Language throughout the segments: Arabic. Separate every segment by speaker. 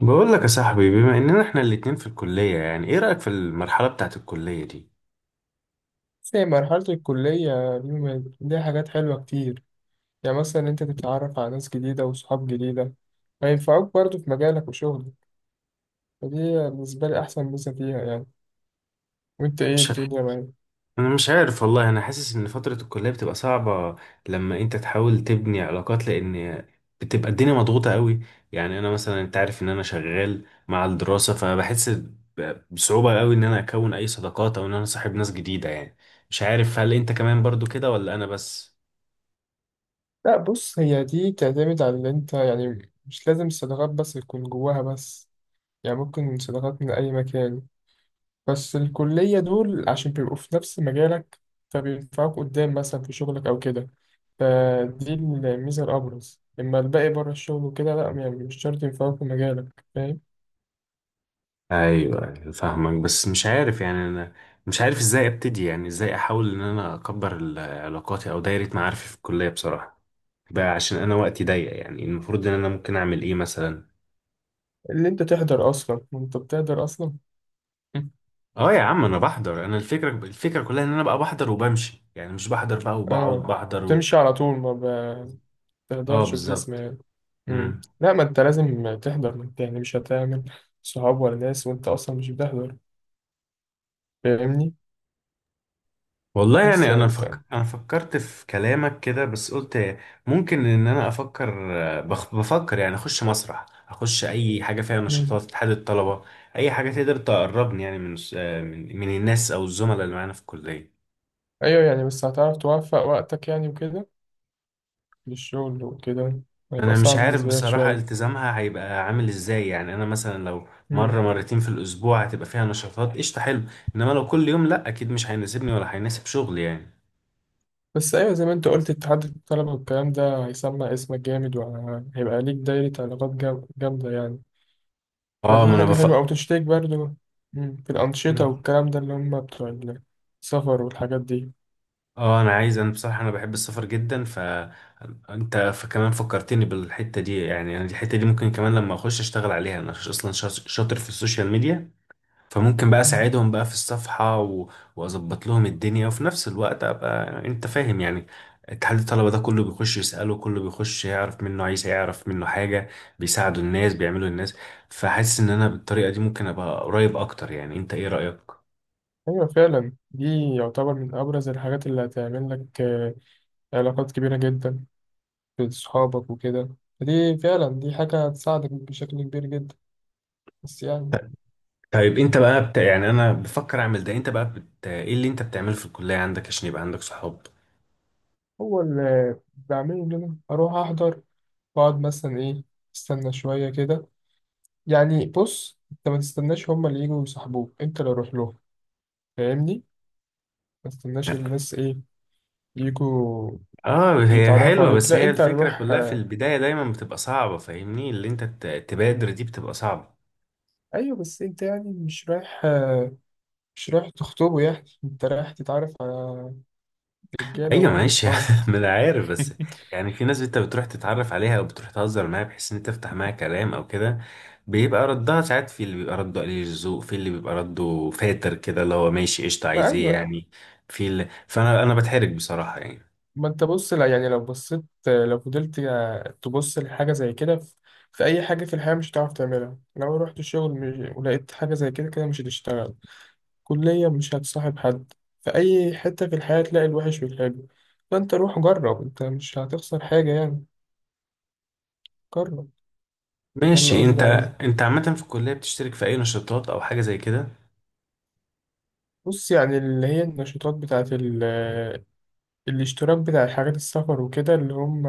Speaker 1: بقول لك يا صاحبي، بما اننا احنا الاتنين في الكلية، يعني ايه رأيك في المرحلة بتاعت الكلية دي؟
Speaker 2: بس هي مرحلة الكلية بيبقى ليها حاجات حلوة كتير. يعني مثلا أنت تتعرف على ناس جديدة وصحاب جديدة هينفعوك برضه في مجالك وشغلك. فدي بالنسبة لي أحسن ميزة فيها يعني. وأنت إيه
Speaker 1: مش ه-
Speaker 2: الدنيا معاك؟
Speaker 1: انا مش عارف والله، انا حاسس ان فترة الكلية بتبقى صعبة لما انت تحاول تبني علاقات، لان بتبقى الدنيا مضغوطة قوي. يعني انا مثلا، انت عارف ان انا شغال مع الدراسة، فبحس بصعوبة قوي ان انا اكون اي صداقات او ان انا صاحب ناس جديدة يعني. مش عارف هل انت كمان برضو كده ولا انا بس؟
Speaker 2: لا بص، هي دي بتعتمد على اللي أنت، يعني مش لازم الصداقات بس يكون جواها بس. يعني ممكن صداقات من أي مكان، بس الكلية دول عشان بيبقوا في نفس مجالك فبينفعوك قدام مثلا في شغلك أو كده. فدي الميزة الأبرز، أما الباقي بره الشغل وكده لأ، يعني مش شرط ينفعوك في مجالك، فاهم؟
Speaker 1: ايوه أيوة، فاهمك. بس مش عارف يعني، انا مش عارف ازاي ابتدي، يعني ازاي احاول ان انا اكبر علاقاتي او دايره معارفي في الكليه بصراحه بقى، عشان انا وقتي ضيق، يعني المفروض ان انا ممكن اعمل ايه مثلا؟
Speaker 2: اللي أنت تحضر أصلا، وأنت بتحضر أصلا.
Speaker 1: اه يا عم، انا بحضر. انا الفكره كلها ان انا بقى بحضر وبمشي، يعني مش بحضر بقى وبقعد
Speaker 2: آه.
Speaker 1: بحضر.
Speaker 2: بتمشي على طول ما
Speaker 1: اه
Speaker 2: بتقدرش وتسمع
Speaker 1: بالظبط.
Speaker 2: يعني. مم.
Speaker 1: امم.
Speaker 2: لا، ما أنت لازم تحضر، ما أنت يعني مش هتعمل صحاب ولا ناس وأنت أصلا مش بتحضر. فاهمني؟
Speaker 1: والله
Speaker 2: بس
Speaker 1: يعني
Speaker 2: يعني
Speaker 1: انا
Speaker 2: أنت.
Speaker 1: فك... انا فكرت في كلامك كده بس قلت ممكن ان انا افكر. بفكر يعني اخش مسرح، اخش اي حاجه فيها نشاطات
Speaker 2: مم.
Speaker 1: اتحاد الطلبه. اي حاجه تقدر تقربني، يعني من الناس او الزملاء اللي معانا في الكليه.
Speaker 2: أيوه يعني، بس هتعرف توفق وقتك يعني وكده للشغل وكده، هيبقى
Speaker 1: انا مش
Speaker 2: صعب
Speaker 1: عارف
Speaker 2: بالنسبة لك
Speaker 1: بصراحه
Speaker 2: شوية.
Speaker 1: التزامها هيبقى عامل ازاي، يعني انا مثلا لو مره
Speaker 2: مم.
Speaker 1: مرتين في الاسبوع هتبقى فيها نشاطات، قشطه حلو. انما لو كل يوم لا، اكيد مش هيناسبني ولا هيناسب شغلي يعني.
Speaker 2: بس ايوه، زي ما انت قلت، اتحاد الطلبه والكلام ده هيسمع اسمك جامد، وهيبقى ليك دايره علاقات جامده يعني.
Speaker 1: اه، ما
Speaker 2: فدي
Speaker 1: انا
Speaker 2: حاجه حلوه،
Speaker 1: بفكر.
Speaker 2: او تشترك برضو. في الانشطه والكلام ده اللي هم بتوع السفر والحاجات دي.
Speaker 1: اه انا عايز، انا بصراحه انا بحب السفر جدا، فانت فكمان فكرتني بالحته دي، يعني انا الحته دي ممكن كمان لما اخش اشتغل عليها، انا اصلا شاطر في السوشيال ميديا. فممكن بقى
Speaker 2: مم.
Speaker 1: اساعدهم بقى في الصفحه. واظبط لهم الدنيا وفي نفس الوقت ابقى، انت فاهم يعني. اتحاد الطلبه ده كله بيخش يساله، كله بيخش يعرف منه، عايز يعرف منه حاجه، بيساعدوا الناس، بيعملوا الناس. فحاسس ان انا بالطريقه دي ممكن ابقى قريب اكتر، يعني انت ايه رايك؟
Speaker 2: ايوه فعلا، دي يعتبر من ابرز الحاجات اللي هتعمل لك علاقات كبيره جدا في صحابك وكده. دي فعلا، دي حاجه هتساعدك بشكل كبير جدا، بس يعني.
Speaker 1: طيب، انت بقى يعني انا بفكر اعمل ده، انت بقى ايه اللي انت بتعمله في الكلية عندك عشان يبقى عندك صحاب؟
Speaker 2: هو اللي بعمله ان أنا اروح احضر واقعد مثلا ايه، استنى شويه كده. يعني بص، انت ما تستناش هما اللي يجوا يصاحبوك، انت اللي روح لهم، فاهمني؟ ما تستناش الناس ايه، يجوا
Speaker 1: اه هي
Speaker 2: يتعرفوا
Speaker 1: حلوة،
Speaker 2: عليك،
Speaker 1: بس
Speaker 2: لا
Speaker 1: هي
Speaker 2: انت
Speaker 1: الفكرة
Speaker 2: هتروح
Speaker 1: كلها في
Speaker 2: آه،
Speaker 1: البداية دايما بتبقى صعبة، فاهمني؟ اللي انت تبادر دي بتبقى صعبة.
Speaker 2: ايوه بس انت يعني مش رايح. مش رايح تخطبه، يعني انت رايح تتعرف على رجاله
Speaker 1: ايوه
Speaker 2: برضه،
Speaker 1: ماشي
Speaker 2: صحابك.
Speaker 1: ما انا عارف بس. يعني في ناس انت بتروح تتعرف عليها او بتروح تهزر معاها، بحيث ان انت تفتح معاها كلام او كده. بيبقى ردها ساعات، في اللي بيبقى رده قليل الذوق، في اللي بيبقى رده فاتر كده، اللي هو ماشي قشطة،
Speaker 2: ما
Speaker 1: عايز ايه
Speaker 2: ايوه أيوة.
Speaker 1: يعني. فانا بتحرج بصراحة يعني.
Speaker 2: ما انت بص، لا يعني لو بصيت، لو فضلت، تبص لحاجه زي كده، في في اي حاجه في الحياه مش هتعرف تعملها، لو رحت الشغل ولقيت حاجه زي كده كده مش هتشتغل، كلية مش هتصاحب حد. في أي حتة في الحياة تلاقي الوحش والحلو، فأنت روح جرب، أنت مش هتخسر حاجة يعني، جرب. ده اللي
Speaker 1: ماشي انت
Speaker 2: قصدي عليه.
Speaker 1: انت عامة في الكلية بتشترك في اي نشاطات او حاجة زي كده؟
Speaker 2: بص يعني، اللي هي النشاطات بتاعة الاشتراك بتاع حاجات السفر وكده، اللي هم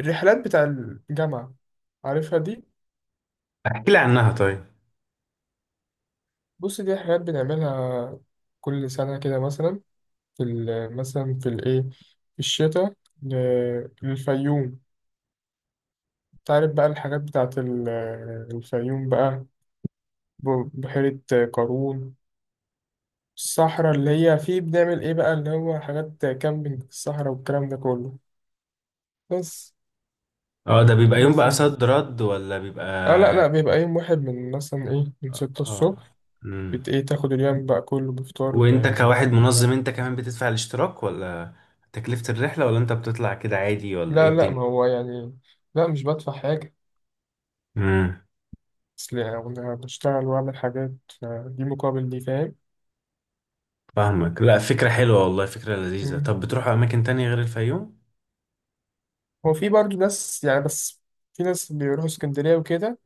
Speaker 2: الرحلات بتاع الجامعة، عارفها دي.
Speaker 1: احكي لي عنها طيب.
Speaker 2: بص دي حاجات بنعملها كل سنة كده، مثلا في مثلا في الإيه، في الشتاء، للفيوم. تعرف بقى الحاجات بتاعة الفيوم بقى، بحيرة قارون، الصحراء اللي هي فيه بنعمل إيه بقى، اللي هو حاجات كامبينج في الصحراء والكلام ده كله. بس
Speaker 1: اه، ده بيبقى
Speaker 2: دي
Speaker 1: يوم بقى
Speaker 2: مثلا.
Speaker 1: صد رد، ولا
Speaker 2: آه لا لا،
Speaker 1: بيبقى؟
Speaker 2: بيبقى يوم واحد من مثلا إيه، من 6
Speaker 1: اه.
Speaker 2: الصبح
Speaker 1: امم.
Speaker 2: بت إيه، تاخد اليوم بقى كله بفطار
Speaker 1: وانت كواحد
Speaker 2: ب-
Speaker 1: منظم، انت كمان بتدفع الاشتراك، ولا تكلفة الرحلة، ولا انت بتطلع كده عادي، ولا ايه
Speaker 2: لا لا،
Speaker 1: الدنيا؟
Speaker 2: ما هو يعني، لا مش بدفع حاجة،
Speaker 1: امم.
Speaker 2: أصل أنا بشتغل وأعمل حاجات دي مقابل دي، فاهم؟
Speaker 1: فاهمك. لا فكرة حلوة والله، فكرة لذيذة.
Speaker 2: مم.
Speaker 1: طب بتروحوا اماكن تانية غير الفيوم؟
Speaker 2: هو في برضه ناس يعني، بس في ناس بيروحوا اسكندرية وكده،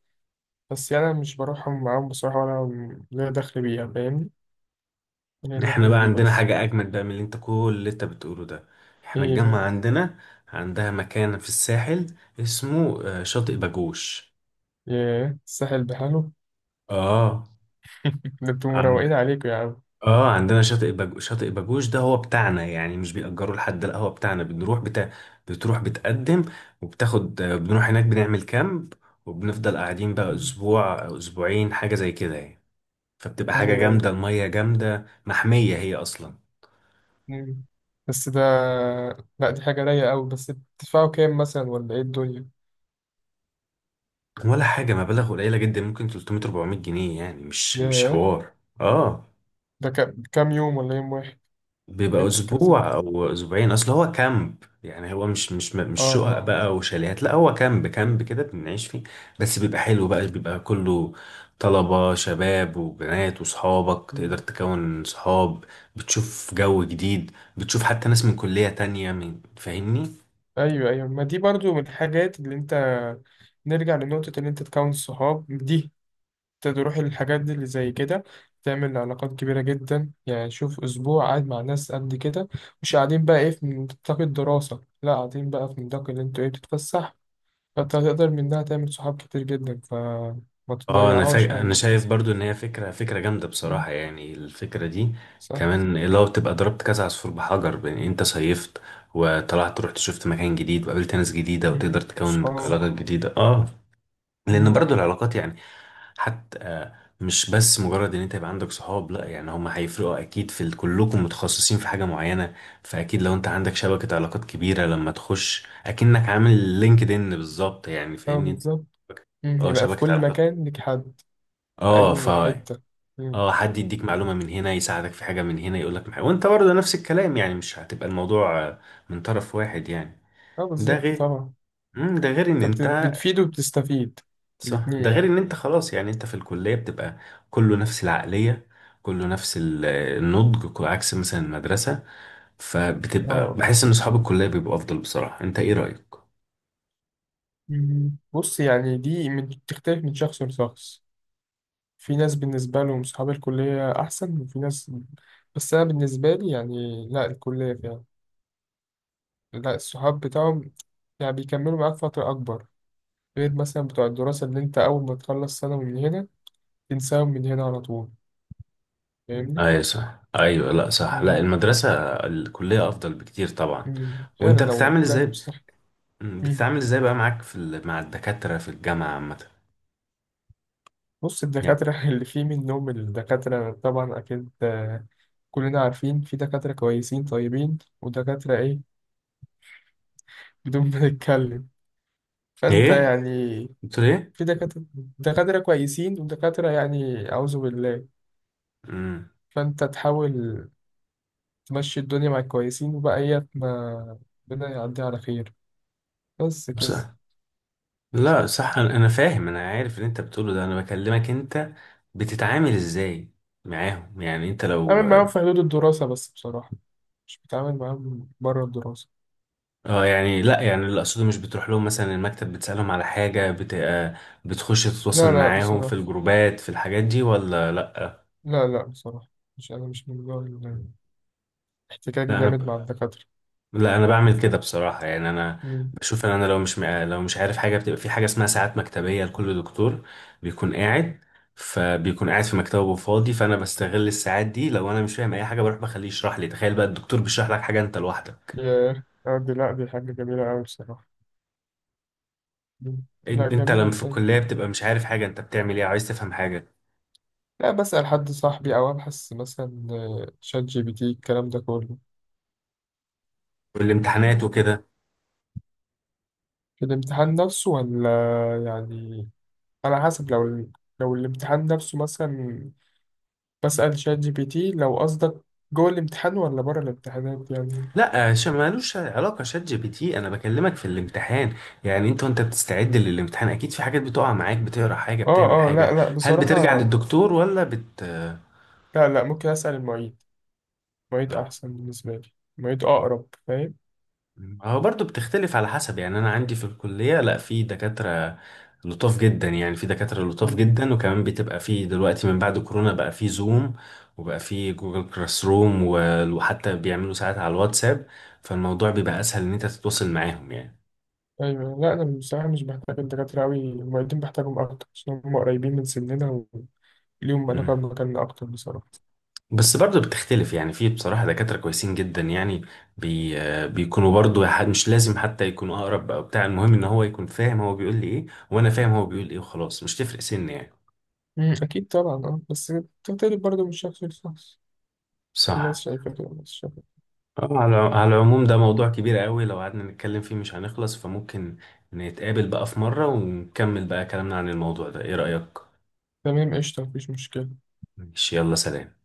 Speaker 2: بس يعني أنا مش بروحهم معاهم بصراحة ولا ليا دخل بيها، فاهمني؟ هي
Speaker 1: احنا
Speaker 2: دخلت
Speaker 1: بقى
Speaker 2: دي
Speaker 1: عندنا
Speaker 2: بس.
Speaker 1: حاجة أجمل بقى من اللي انت كل اللي انت بتقوله ده. احنا
Speaker 2: ايه
Speaker 1: الجامعة
Speaker 2: بقى؟
Speaker 1: عندها مكان في الساحل اسمه شاطئ باجوش.
Speaker 2: ياه، الساحل بحاله.
Speaker 1: اه
Speaker 2: ده انتوا
Speaker 1: عند...
Speaker 2: مروقين عليكم يا عم.
Speaker 1: اه عندنا شاطئ باجوش ده هو بتاعنا، يعني مش بيأجره لحد، لا هو بتاعنا، بتروح بتقدم وبتاخد، بنروح هناك بنعمل كامب، وبنفضل قاعدين بقى
Speaker 2: مم.
Speaker 1: أسبوع أو أسبوعين حاجة زي كده يعني. فبتبقى حاجة
Speaker 2: ايوه
Speaker 1: جامدة، المية جامدة، محمية هي أصلا.
Speaker 2: ايوه. مم. بس ده، لا دي حاجة رايقة أوي، بس بتدفعوا كام مثلا ولا ايه الدنيا؟
Speaker 1: ولا حاجة، مبالغ قليلة جدا، ممكن 300 400 جنيه يعني، مش
Speaker 2: ياه.
Speaker 1: حوار. اه
Speaker 2: ده كام كام يوم ولا يوم واحد؟
Speaker 1: بيبقى
Speaker 2: كذا.
Speaker 1: اسبوع او اسبوعين، اصل هو كامب يعني، هو مش
Speaker 2: اه
Speaker 1: شقق
Speaker 2: اه.
Speaker 1: بقى وشاليهات، لا هو كامب كامب كده بنعيش فيه. بس بيبقى حلو بقى، بيبقى كله طلبة شباب وبنات، وصحابك تقدر
Speaker 2: مم.
Speaker 1: تكون صحاب. بتشوف جو جديد، بتشوف حتى ناس من كلية تانية، فاهمني؟
Speaker 2: أيوه أيوه، ما دي برضو من الحاجات اللي أنت، نرجع لنقطة اللي أنت تكون صحاب دي، تروح الحاجات دي اللي زي كده، تعمل علاقات كبيرة جدا، يعني شوف أسبوع قاعد مع ناس قد كده، مش قاعدين بقى إيه في نطاق الدراسة، لا قاعدين بقى في نطاق اللي أنتوا إيه بتتفسح، فأنت هتقدر منها تعمل صحاب كتير جدا، فما
Speaker 1: اه،
Speaker 2: تضيعهاش
Speaker 1: انا
Speaker 2: يعني.
Speaker 1: شايف برضو ان هي فكره، فكره جامده
Speaker 2: مم،
Speaker 1: بصراحه، يعني الفكره دي.
Speaker 2: صح.
Speaker 1: كمان لو تبقى ضربت كذا عصفور بحجر، بان انت صيفت وطلعت، رحت شفت مكان جديد وقابلت ناس جديده
Speaker 2: مم،
Speaker 1: وتقدر تكون
Speaker 2: صحاب.
Speaker 1: علاقات جديده، اه. لان
Speaker 2: مم،
Speaker 1: برضو العلاقات يعني، حتى مش بس مجرد ان انت يبقى عندك صحاب، لا يعني هم هيفرقوا اكيد في كلكم متخصصين في حاجه معينه. فاكيد لو انت عندك شبكه علاقات كبيره، لما تخش اكنك عامل لينكد ان، بالظبط يعني،
Speaker 2: أه
Speaker 1: فاهمني.
Speaker 2: بالظبط.
Speaker 1: اه
Speaker 2: يبقى في
Speaker 1: شبكه
Speaker 2: كل
Speaker 1: علاقات.
Speaker 2: مكان ليك حد في
Speaker 1: اه. ف
Speaker 2: أي حتة. مم،
Speaker 1: اه حد يديك معلومة من هنا، يساعدك في حاجة من هنا، يقولك محاجة، وانت برضه نفس الكلام، يعني مش هتبقى الموضوع من طرف واحد يعني.
Speaker 2: أه
Speaker 1: ده
Speaker 2: بالظبط
Speaker 1: غير،
Speaker 2: طبعا.
Speaker 1: ده غير ان
Speaker 2: أنت
Speaker 1: انت،
Speaker 2: بت- بتفيد وبتستفيد
Speaker 1: صح،
Speaker 2: الاتنين
Speaker 1: ده غير
Speaker 2: يعني.
Speaker 1: ان انت خلاص يعني، انت في الكلية بتبقى كله نفس العقلية، كله نفس النضج، عكس مثلا المدرسة. فبتبقى
Speaker 2: اه.
Speaker 1: بحس ان اصحاب الكلية بيبقوا افضل بصراحة، انت ايه رأيك؟
Speaker 2: مم. بص يعني دي بتختلف من شخص لشخص، في ناس بالنسبة لهم صحاب الكلية أحسن، وفي ناس، بس أنا بالنسبة لي يعني لا، الكلية فعلا لا، الصحاب بتاعهم يعني بيكملوا معاك فترة أكبر، غير مثلا بتوع الدراسة اللي أنت أول ما تخلص سنة من هنا تنساهم من هنا على طول، فاهمني؟
Speaker 1: ايوه صح، ايوه لا صح، لا
Speaker 2: مم.
Speaker 1: المدرسة، الكلية افضل بكتير طبعا.
Speaker 2: مم. فعلا
Speaker 1: وانت
Speaker 2: لو
Speaker 1: بتتعامل
Speaker 2: طلعت
Speaker 1: ازاي؟
Speaker 2: بصح. مم.
Speaker 1: بتتعامل ازاي بقى معاك في مع الدكاترة في الجامعة عامة؟
Speaker 2: بص
Speaker 1: يعني
Speaker 2: الدكاترة اللي فيه منهم، الدكاترة طبعا أكيد كلنا عارفين في دكاترة كويسين طيبين، ودكاترة إيه، بدون ما نتكلم. فأنت
Speaker 1: ايه،
Speaker 2: يعني
Speaker 1: بتقول ايه؟
Speaker 2: في دكاترة، دكاترة كويسين ودكاترة يعني أعوذ بالله،
Speaker 1: امم.
Speaker 2: فأنت تحاول تمشي الدنيا مع الكويسين، وبقية ما ربنا يعدي على خير، بس
Speaker 1: بس
Speaker 2: كده.
Speaker 1: صح. لا
Speaker 2: صح.
Speaker 1: صح، انا فاهم، انا عارف اللي انت بتقوله ده، انا بكلمك، انت بتتعامل ازاي معاهم يعني، انت
Speaker 2: أعمل
Speaker 1: لو
Speaker 2: معاهم
Speaker 1: اه؟
Speaker 2: في حدود الدراسة بس بصراحة، مش بتعامل معاهم بره الدراسة.
Speaker 1: يعني لا، يعني اللي اقصده، مش بتروح لهم مثلا المكتب بتسألهم على حاجة بت... آه، بتخش تتواصل
Speaker 2: لا لا
Speaker 1: معاهم في
Speaker 2: بصراحة،
Speaker 1: الجروبات، في الحاجات دي ولا لا؟
Speaker 2: لا لا بصراحة، مش أنا مش من جوع احتكاكي
Speaker 1: لا
Speaker 2: جامد مع
Speaker 1: انا،
Speaker 2: الدكاترة.
Speaker 1: بعمل كده بصراحه، يعني انا
Speaker 2: مم.
Speaker 1: بشوف ان انا لو مش مع... لو مش عارف حاجه، بتبقى في حاجه اسمها ساعات مكتبيه لكل دكتور، بيكون قاعد فبيكون قاعد في مكتبه فاضي، فانا بستغل الساعات دي، لو انا مش فاهم اي حاجه بروح بخليه يشرح لي، تخيل بقى الدكتور بيشرح لك حاجه انت لوحدك.
Speaker 2: ياه، دي لا، دي حاجة جميلة أوي بصراحة. مم. لا
Speaker 1: انت لما
Speaker 2: جميلة،
Speaker 1: في الكليه بتبقى مش عارف حاجه، انت بتعمل ايه، عايز تفهم حاجه
Speaker 2: لا بسأل حد صاحبي، أو أبحث مثلا ChatGPT الكلام ده كله.
Speaker 1: والامتحانات وكده؟
Speaker 2: في الامتحان نفسه ولا؟ يعني على حسب، لو لو الامتحان نفسه مثلا، بسأل ChatGPT؟ لو قصدك جوه الامتحان ولا بره الامتحانات يعني.
Speaker 1: لا، مالوش علاقة شات جي بي تي، أنا بكلمك في الامتحان. يعني أنت وأنت بتستعد للامتحان، أكيد في حاجات بتقع معاك، بتقرأ حاجة،
Speaker 2: اه
Speaker 1: بتعمل
Speaker 2: اه، لا
Speaker 1: حاجة،
Speaker 2: لا
Speaker 1: هل بترجع
Speaker 2: بصراحة،
Speaker 1: للدكتور ولا بت آه
Speaker 2: لا لا، ممكن أسأل المعيد، المعيد أحسن بالنسبة لي، المعيد أقرب، فاهم؟
Speaker 1: هو برضه بتختلف على حسب، يعني أنا عندي في الكلية، لا في دكاترة لطاف جدا، يعني في دكاترة لطاف
Speaker 2: مم.
Speaker 1: جدا، وكمان بتبقى في دلوقتي من بعد كورونا، بقى في زوم، وبقى في جوجل كلاس روم وحتى بيعملوا ساعات على الواتساب، فالموضوع بيبقى أسهل إن أنت تتواصل معاهم يعني.
Speaker 2: أيوة لا أنا بصراحة مش بحتاج الدكاترة أوي، المعيدين بحتاجهم أكتر عشان هم قريبين من سننا وليهم علاقة بمكاننا أكتر بصراحة.
Speaker 1: بس برضه بتختلف يعني، في بصراحة دكاترة كويسين جدا يعني، بي آه، بيكونوا برضه مش لازم حتى يكونوا أقرب أو بتاع، المهم إن هو يكون فاهم هو بيقول لي إيه، وأنا فاهم هو بيقول إيه، وخلاص مش تفرق سن يعني.
Speaker 2: مم، أكيد طبعا، أه بس بتختلف برضه من شخص لشخص، في ناس
Speaker 1: صح.
Speaker 2: شايفة كده وناس شايفة كده.
Speaker 1: على العموم ده موضوع كبير قوي، لو قعدنا نتكلم فيه مش هنخلص، فممكن نتقابل بقى في مرة ونكمل بقى كلامنا عن الموضوع ده، إيه رأيك؟
Speaker 2: تمام قشطة، مفيش مشكلة.
Speaker 1: ماشي، يلا سلام.